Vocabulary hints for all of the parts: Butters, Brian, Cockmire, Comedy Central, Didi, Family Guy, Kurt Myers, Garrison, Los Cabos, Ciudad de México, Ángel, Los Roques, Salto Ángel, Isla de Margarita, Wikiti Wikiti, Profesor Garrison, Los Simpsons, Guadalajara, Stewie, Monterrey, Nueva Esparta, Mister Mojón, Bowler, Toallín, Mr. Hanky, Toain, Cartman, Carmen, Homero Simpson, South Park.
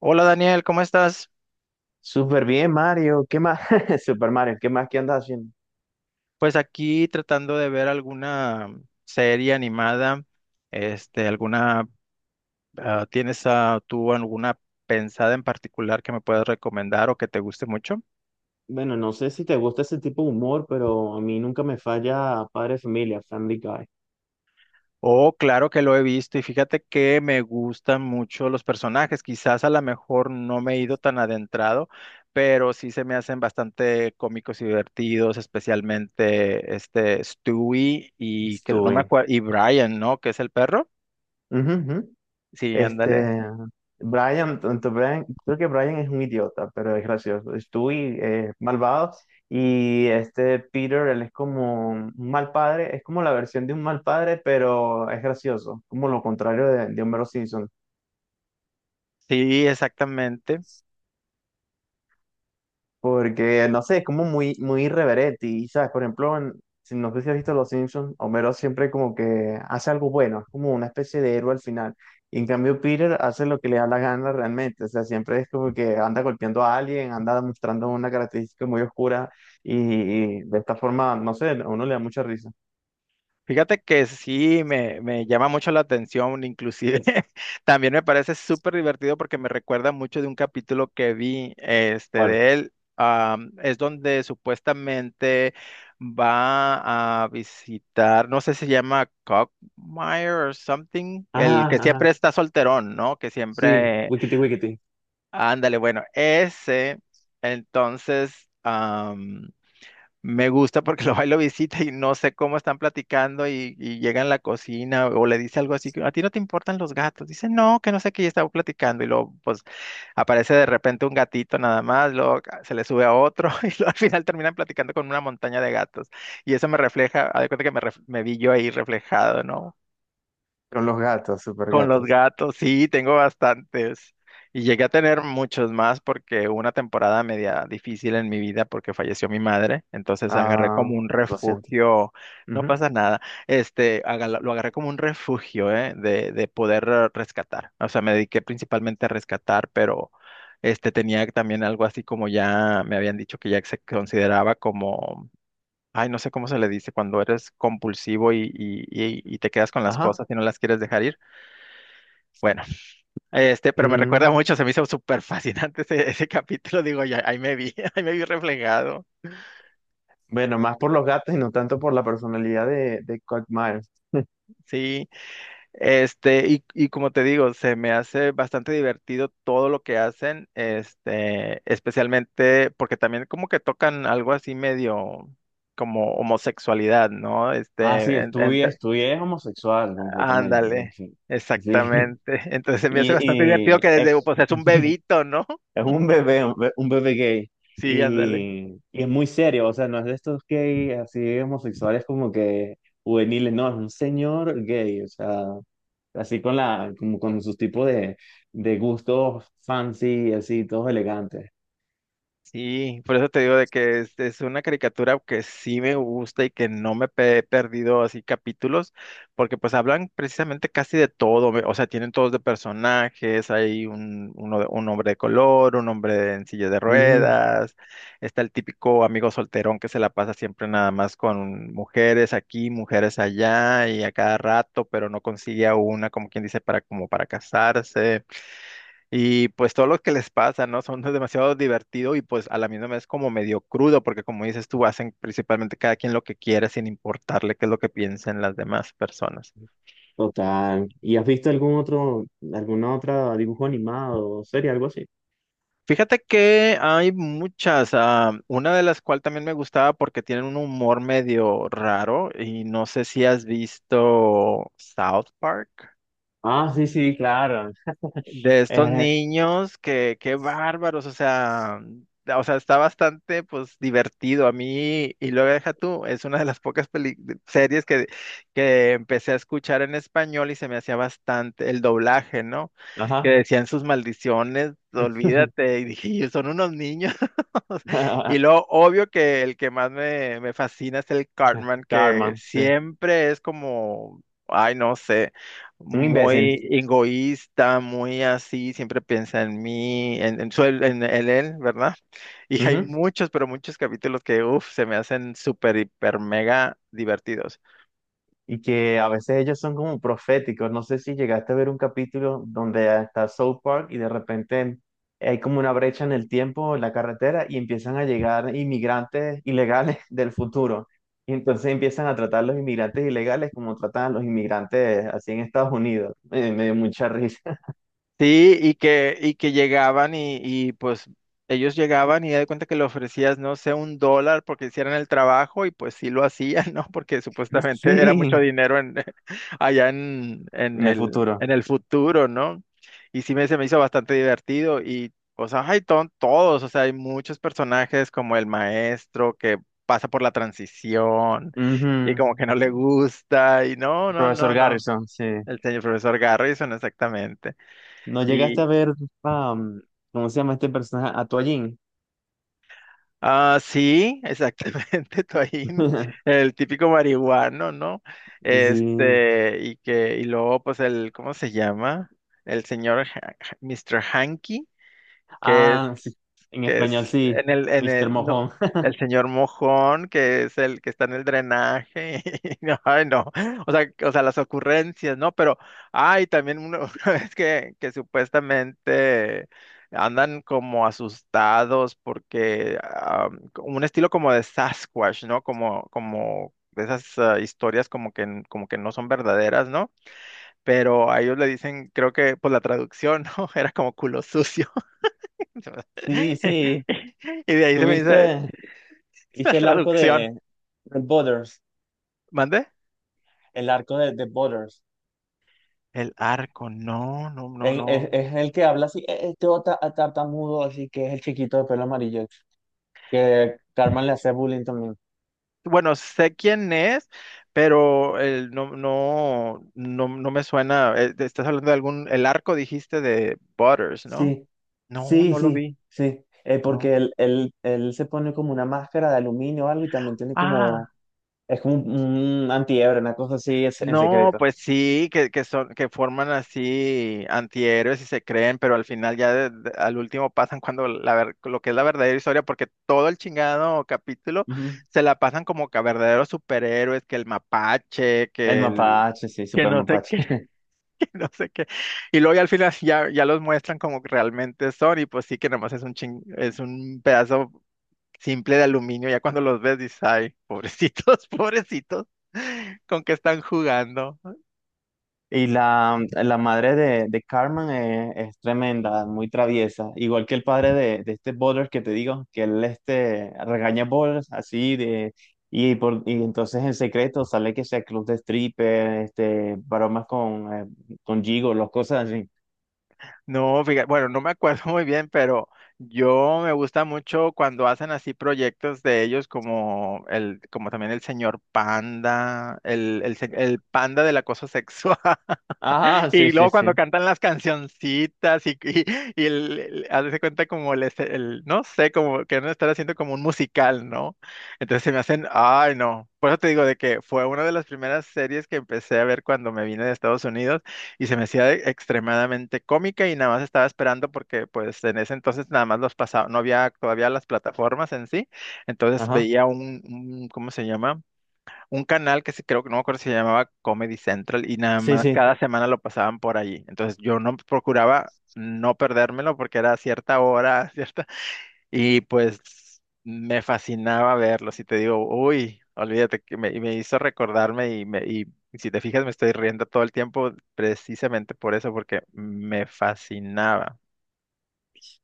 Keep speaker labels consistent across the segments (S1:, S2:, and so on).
S1: Hola Daniel, ¿cómo estás?
S2: Súper bien, Mario. ¿Qué más? Super Mario, ¿qué más qué andas haciendo?
S1: Pues aquí tratando de ver alguna serie animada, alguna, ¿tienes tú alguna pensada en particular que me puedas recomendar o que te guste mucho?
S2: Bueno, no sé si te gusta ese tipo de humor, pero a mí nunca me falla Padre de Familia, Family Guy.
S1: Oh, claro que lo he visto y fíjate que me gustan mucho los personajes, quizás a lo mejor no me he ido tan adentrado, pero sí se me hacen bastante cómicos y divertidos, especialmente este Stewie y no me
S2: Estuve.
S1: acuerdo, y Brian, ¿no? Que es el perro.
S2: Ujú, ujú.
S1: Sí, ándale.
S2: Este, Brian, tanto Brian, creo que Brian es un idiota, pero es gracioso. Stewie es malvado y este Peter, él es como un mal padre, es como la versión de un mal padre, pero es gracioso, como lo contrario de Homero Simpson.
S1: Sí, exactamente.
S2: Porque, no sé, es como muy, muy irreverente. Y, ¿sabes? Por ejemplo, si no sé si has visto Los Simpsons, Homero siempre como que hace algo bueno, es como una especie de héroe al final. Y en cambio, Peter hace lo que le da la gana realmente. O sea, siempre es como que anda golpeando a alguien, anda mostrando una característica muy oscura. Y, y de esta forma, no sé, a uno le da mucha risa.
S1: Fíjate que sí, me llama mucho la atención, inclusive también me parece súper divertido porque me recuerda mucho de un capítulo que vi
S2: ¿Cuál?
S1: de él. Es donde supuestamente va a visitar, no sé si se llama Cockmire or something, el
S2: Ajá,
S1: que siempre
S2: ajá.
S1: está solterón, ¿no? Que
S2: Sí,
S1: siempre,
S2: Wikiti Wikiti.
S1: ándale, bueno, ese, entonces. Me gusta porque lo va y lo visita y no sé cómo están platicando y llega en la cocina o le dice algo así, que, a ti no te importan los gatos. Dice, no, que no sé qué, ya estaba platicando y luego pues aparece de repente un gatito nada más, luego se le sube a otro y luego al final terminan platicando con una montaña de gatos. Y eso me refleja, haz de cuenta que me vi yo ahí reflejado, ¿no?
S2: Con los gatos, super
S1: Con los
S2: gatos.
S1: gatos, sí, tengo bastantes. Y llegué a tener muchos más porque hubo una temporada media difícil en mi vida porque falleció mi madre. Entonces agarré
S2: Ah,
S1: como un
S2: lo siento.
S1: refugio, no
S2: Ujú.
S1: pasa nada. Este, lo agarré como un refugio, ¿eh? De poder rescatar. O sea, me dediqué principalmente a rescatar, pero este tenía también algo así como ya me habían dicho que ya se consideraba como, ay, no sé cómo se le dice, cuando eres compulsivo y te quedas con las
S2: Ajá.
S1: cosas y no las quieres dejar ir. Bueno, este, pero me recuerda
S2: Mm,
S1: mucho, se me hizo súper fascinante ese, ese capítulo, digo, ya, ahí me vi, ahí me vi reflejado,
S2: Bueno, más por los gatos y no tanto por la personalidad de Kurt Myers.
S1: sí, este, y como te digo, se me hace bastante divertido todo lo que hacen, este, especialmente porque también como que tocan algo así medio como homosexualidad, ¿no?
S2: Ah,
S1: Este,
S2: sí, estudié, estudié homosexual completamente. En
S1: ándale,
S2: fin. Sí.
S1: exactamente, entonces se me hace bastante
S2: Y,
S1: divertido
S2: y
S1: que desde,
S2: es,
S1: pues es un bebito, ¿no?
S2: es un bebé, un bebé gay.
S1: Sí, ándale.
S2: Y es muy serio, o sea, no es de estos gays así homosexuales como que juveniles, no, es un señor gay, o sea, así con la, como con sus tipos de gustos fancy, así, todos elegantes.
S1: Sí, por eso te digo de que es una caricatura que sí me gusta y que no me he perdido así capítulos, porque pues hablan precisamente casi de todo, o sea, tienen todos de personajes, hay uno un hombre de color, un hombre en silla de ruedas, está el típico amigo solterón que se la pasa siempre nada más con mujeres aquí, mujeres allá y a cada rato, pero no consigue a una, como quien dice, para como para casarse. Y pues todo lo que les pasa, ¿no? Son demasiado divertido y pues a la misma vez como medio crudo, porque como dices tú, hacen principalmente cada quien lo que quiere sin importarle qué es lo que piensen las demás personas.
S2: Total. ¿Y has visto algún otro, alguna otra dibujo animado o serie, algo así?
S1: Fíjate que hay muchas, una de las cuales también me gustaba porque tienen un humor medio raro y no sé si has visto South Park.
S2: Ah, sí, sí, claro.
S1: De estos
S2: Eh,
S1: niños, que qué bárbaros, o sea, está bastante pues divertido a mí y luego deja tú, es una de las pocas series que empecé a escuchar en español y se me hacía bastante el doblaje, ¿no? Que
S2: ajá.
S1: decían sus maldiciones, olvídate, y dije, "Y son unos niños." Y lo obvio que el que más me fascina es el Cartman, que
S2: Carmen, sí.
S1: siempre es como, ay, no sé
S2: Un imbécil.
S1: muy egoísta, muy así, siempre piensa en mí, en él, ¿verdad? Y hay muchos, pero muchos capítulos que, uff, se me hacen súper, hiper, mega divertidos.
S2: Y que a veces ellos son como proféticos. No sé si llegaste a ver un capítulo donde está South Park y de repente hay como una brecha en el tiempo, en la carretera, y empiezan a llegar inmigrantes ilegales del futuro. Y entonces empiezan a tratar a los inmigrantes ilegales como tratan a los inmigrantes así en Estados Unidos. Me dio mucha risa.
S1: Sí, y que llegaban pues ellos llegaban y ya de cuenta que le ofrecías, no sé, un dólar porque hicieran el trabajo y pues sí lo hacían, ¿no? Porque supuestamente era
S2: Sí,
S1: mucho dinero en, allá
S2: en el futuro.
S1: en el futuro, ¿no? Y sí se me hizo bastante divertido y pues hay todos, o sea, hay muchos personajes como el maestro que pasa por la transición y
S2: Ujú.
S1: como que no le gusta y no, no,
S2: Profesor
S1: no, no.
S2: Garrison, sí.
S1: El señor profesor Garrison, exactamente.
S2: ¿No llegaste a ver, am, cómo se llama este personaje? A Toallín.
S1: Ah, sí, exactamente, Toain, el típico marihuano, ¿no?
S2: Sí.
S1: Este, y luego, pues, el, ¿cómo se llama? El señor Mr. Hanky, que es
S2: Ah, sí, en
S1: que
S2: español
S1: es
S2: sí,
S1: en en el,
S2: Mister
S1: no,
S2: Mojón.
S1: el señor Mojón, que es el que está en el drenaje. No, ay, no. O sea, las ocurrencias, ¿no? Pero, ay, también una, una vez que supuestamente andan como asustados porque un estilo como de Sasquatch, ¿no? Como, como de esas historias como que, como que no son verdaderas, ¿no? Pero a ellos le dicen, creo que por la traducción, ¿no? Era como culo sucio.
S2: Sí, sí,
S1: Y de ahí se me dice
S2: tuviste,
S1: la
S2: viste
S1: traducción.
S2: de Butters,
S1: ¿Mande?
S2: el arco de Butters.
S1: El arco, no, no, no,
S2: Es, es-
S1: no.
S2: es el que habla así, tartamudo", así que es el chiquito de pelo amarillo, que Carmen le hace bullying también.
S1: Bueno, sé quién es, pero el, no, no, no, no me suena. Te estás hablando de algún, el arco dijiste de Butters, ¿no?
S2: Sí,
S1: No,
S2: sí,
S1: no lo
S2: sí,
S1: vi,
S2: sí,
S1: no.
S2: porque él se pone como una máscara de aluminio o algo y también tiene como,
S1: Ah.
S2: es como un antiebre, una cosa así es- en
S1: No,
S2: secreto.
S1: pues sí, que son, que forman así antihéroes y se creen, pero al final ya al último pasan cuando lo que es la verdadera historia, porque todo el chingado capítulo
S2: Ujú.
S1: se la pasan como que a verdaderos superhéroes, que el mapache,
S2: El
S1: que el,
S2: mapache, sí,
S1: que
S2: super
S1: no sé
S2: mapache.
S1: qué, que no sé qué. Y luego ya al final ya, ya los muestran como que realmente son, y pues sí que nomás es un ching, es un pedazo simple de aluminio, ya cuando los ves dices, ay, pobrecitos, pobrecitos, con que están jugando.
S2: Y la madre de Carmen es tremenda, muy traviesa. Igual que el padre de este Bowler que te digo, que él este, regaña a Bowlers así de... Y entonces en secreto sale que sea club de stripper, este, bromas con gigolos, cosas así.
S1: No, fíjate, bueno, no me acuerdo muy bien, pero yo me gusta mucho cuando hacen así proyectos de ellos como el, como también el señor panda, el panda de la cosa sexual.
S2: Ajá, sí,
S1: Y
S2: sí,
S1: luego
S2: sí.
S1: cuando cantan las cancioncitas y hazte cuenta como el, no sé, como que no estar haciendo como un musical, ¿no? Entonces se me hacen, ay no. Por eso te digo de que fue una de las primeras series que empecé a ver cuando me vine de Estados Unidos y se me hacía extremadamente cómica y nada más estaba esperando porque pues en ese entonces nada más los pasaba, no había todavía las plataformas en sí, entonces
S2: Ajá,
S1: veía un ¿cómo se llama? Un canal que se, creo que no me acuerdo si se llamaba Comedy Central y nada
S2: sí,
S1: más
S2: sí.
S1: cada semana lo pasaban por allí. Entonces yo no procuraba no perdérmelo porque era a cierta hora, cierta, y pues me fascinaba verlo. Si te digo, uy, olvídate, y me hizo recordarme y si te fijas me estoy riendo todo el tiempo precisamente por eso, porque me fascinaba.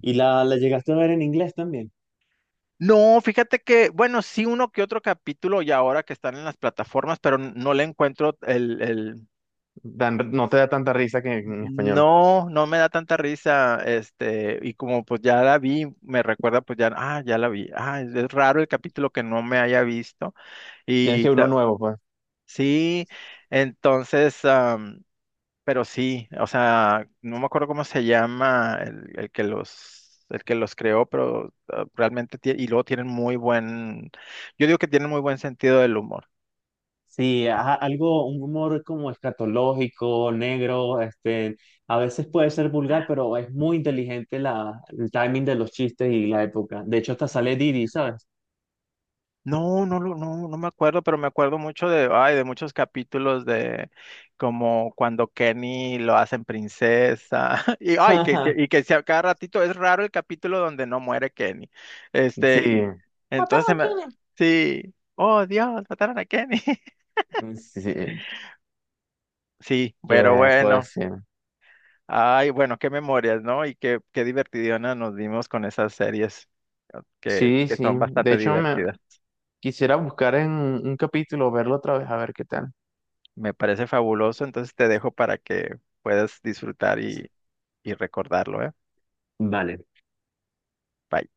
S2: ¿Y la llegaste a ver en inglés también?
S1: No, fíjate que, bueno, sí uno que otro capítulo y ahora que están en las plataformas, pero no le encuentro el,
S2: Dan- no te da tanta risa que en español.
S1: no, no me da tanta risa, este, y como pues ya la vi, me recuerda pues ya, ah, ya la vi, ah, es raro el capítulo que no me haya visto,
S2: Tienes
S1: y
S2: que ver uno nuevo, pues.
S1: sí, entonces, am, pero sí, o sea, no me acuerdo cómo se llama el que los creó, pero ah, realmente, y luego tienen muy buen, yo digo que tienen muy buen sentido del humor.
S2: Sí, ajá, algo, un humor como escatológico, negro, este, a veces puede ser vulgar, pero es muy inteligente la, el timing de los chistes y la época. De hecho, hasta sale Didi, ¿sabes?
S1: No, no, no me acuerdo, pero me acuerdo mucho de, ay, de muchos capítulos de como cuando Kenny lo hacen princesa y ay, y que si a cada ratito es raro el capítulo donde no muere Kenny.
S2: Sí,
S1: Este, entonces
S2: ¿Mataron
S1: se
S2: a
S1: me,
S2: quién?
S1: sí, oh Dios, mataron a Kenny.
S2: Sí, sí,
S1: Sí, pero
S2: que puede
S1: bueno,
S2: ser.
S1: ay, bueno, qué memorias, ¿no? Y qué divertidona nos dimos con esas series que
S2: Sí,
S1: que
S2: sí.
S1: son
S2: De
S1: bastante
S2: hecho, me
S1: divertidas.
S2: quisiera buscar en un capítulo, verlo otra vez, a ver qué tal.
S1: Me parece fabuloso, entonces te dejo para que puedas disfrutar y recordarlo, ¿eh?
S2: Vale.
S1: Bye.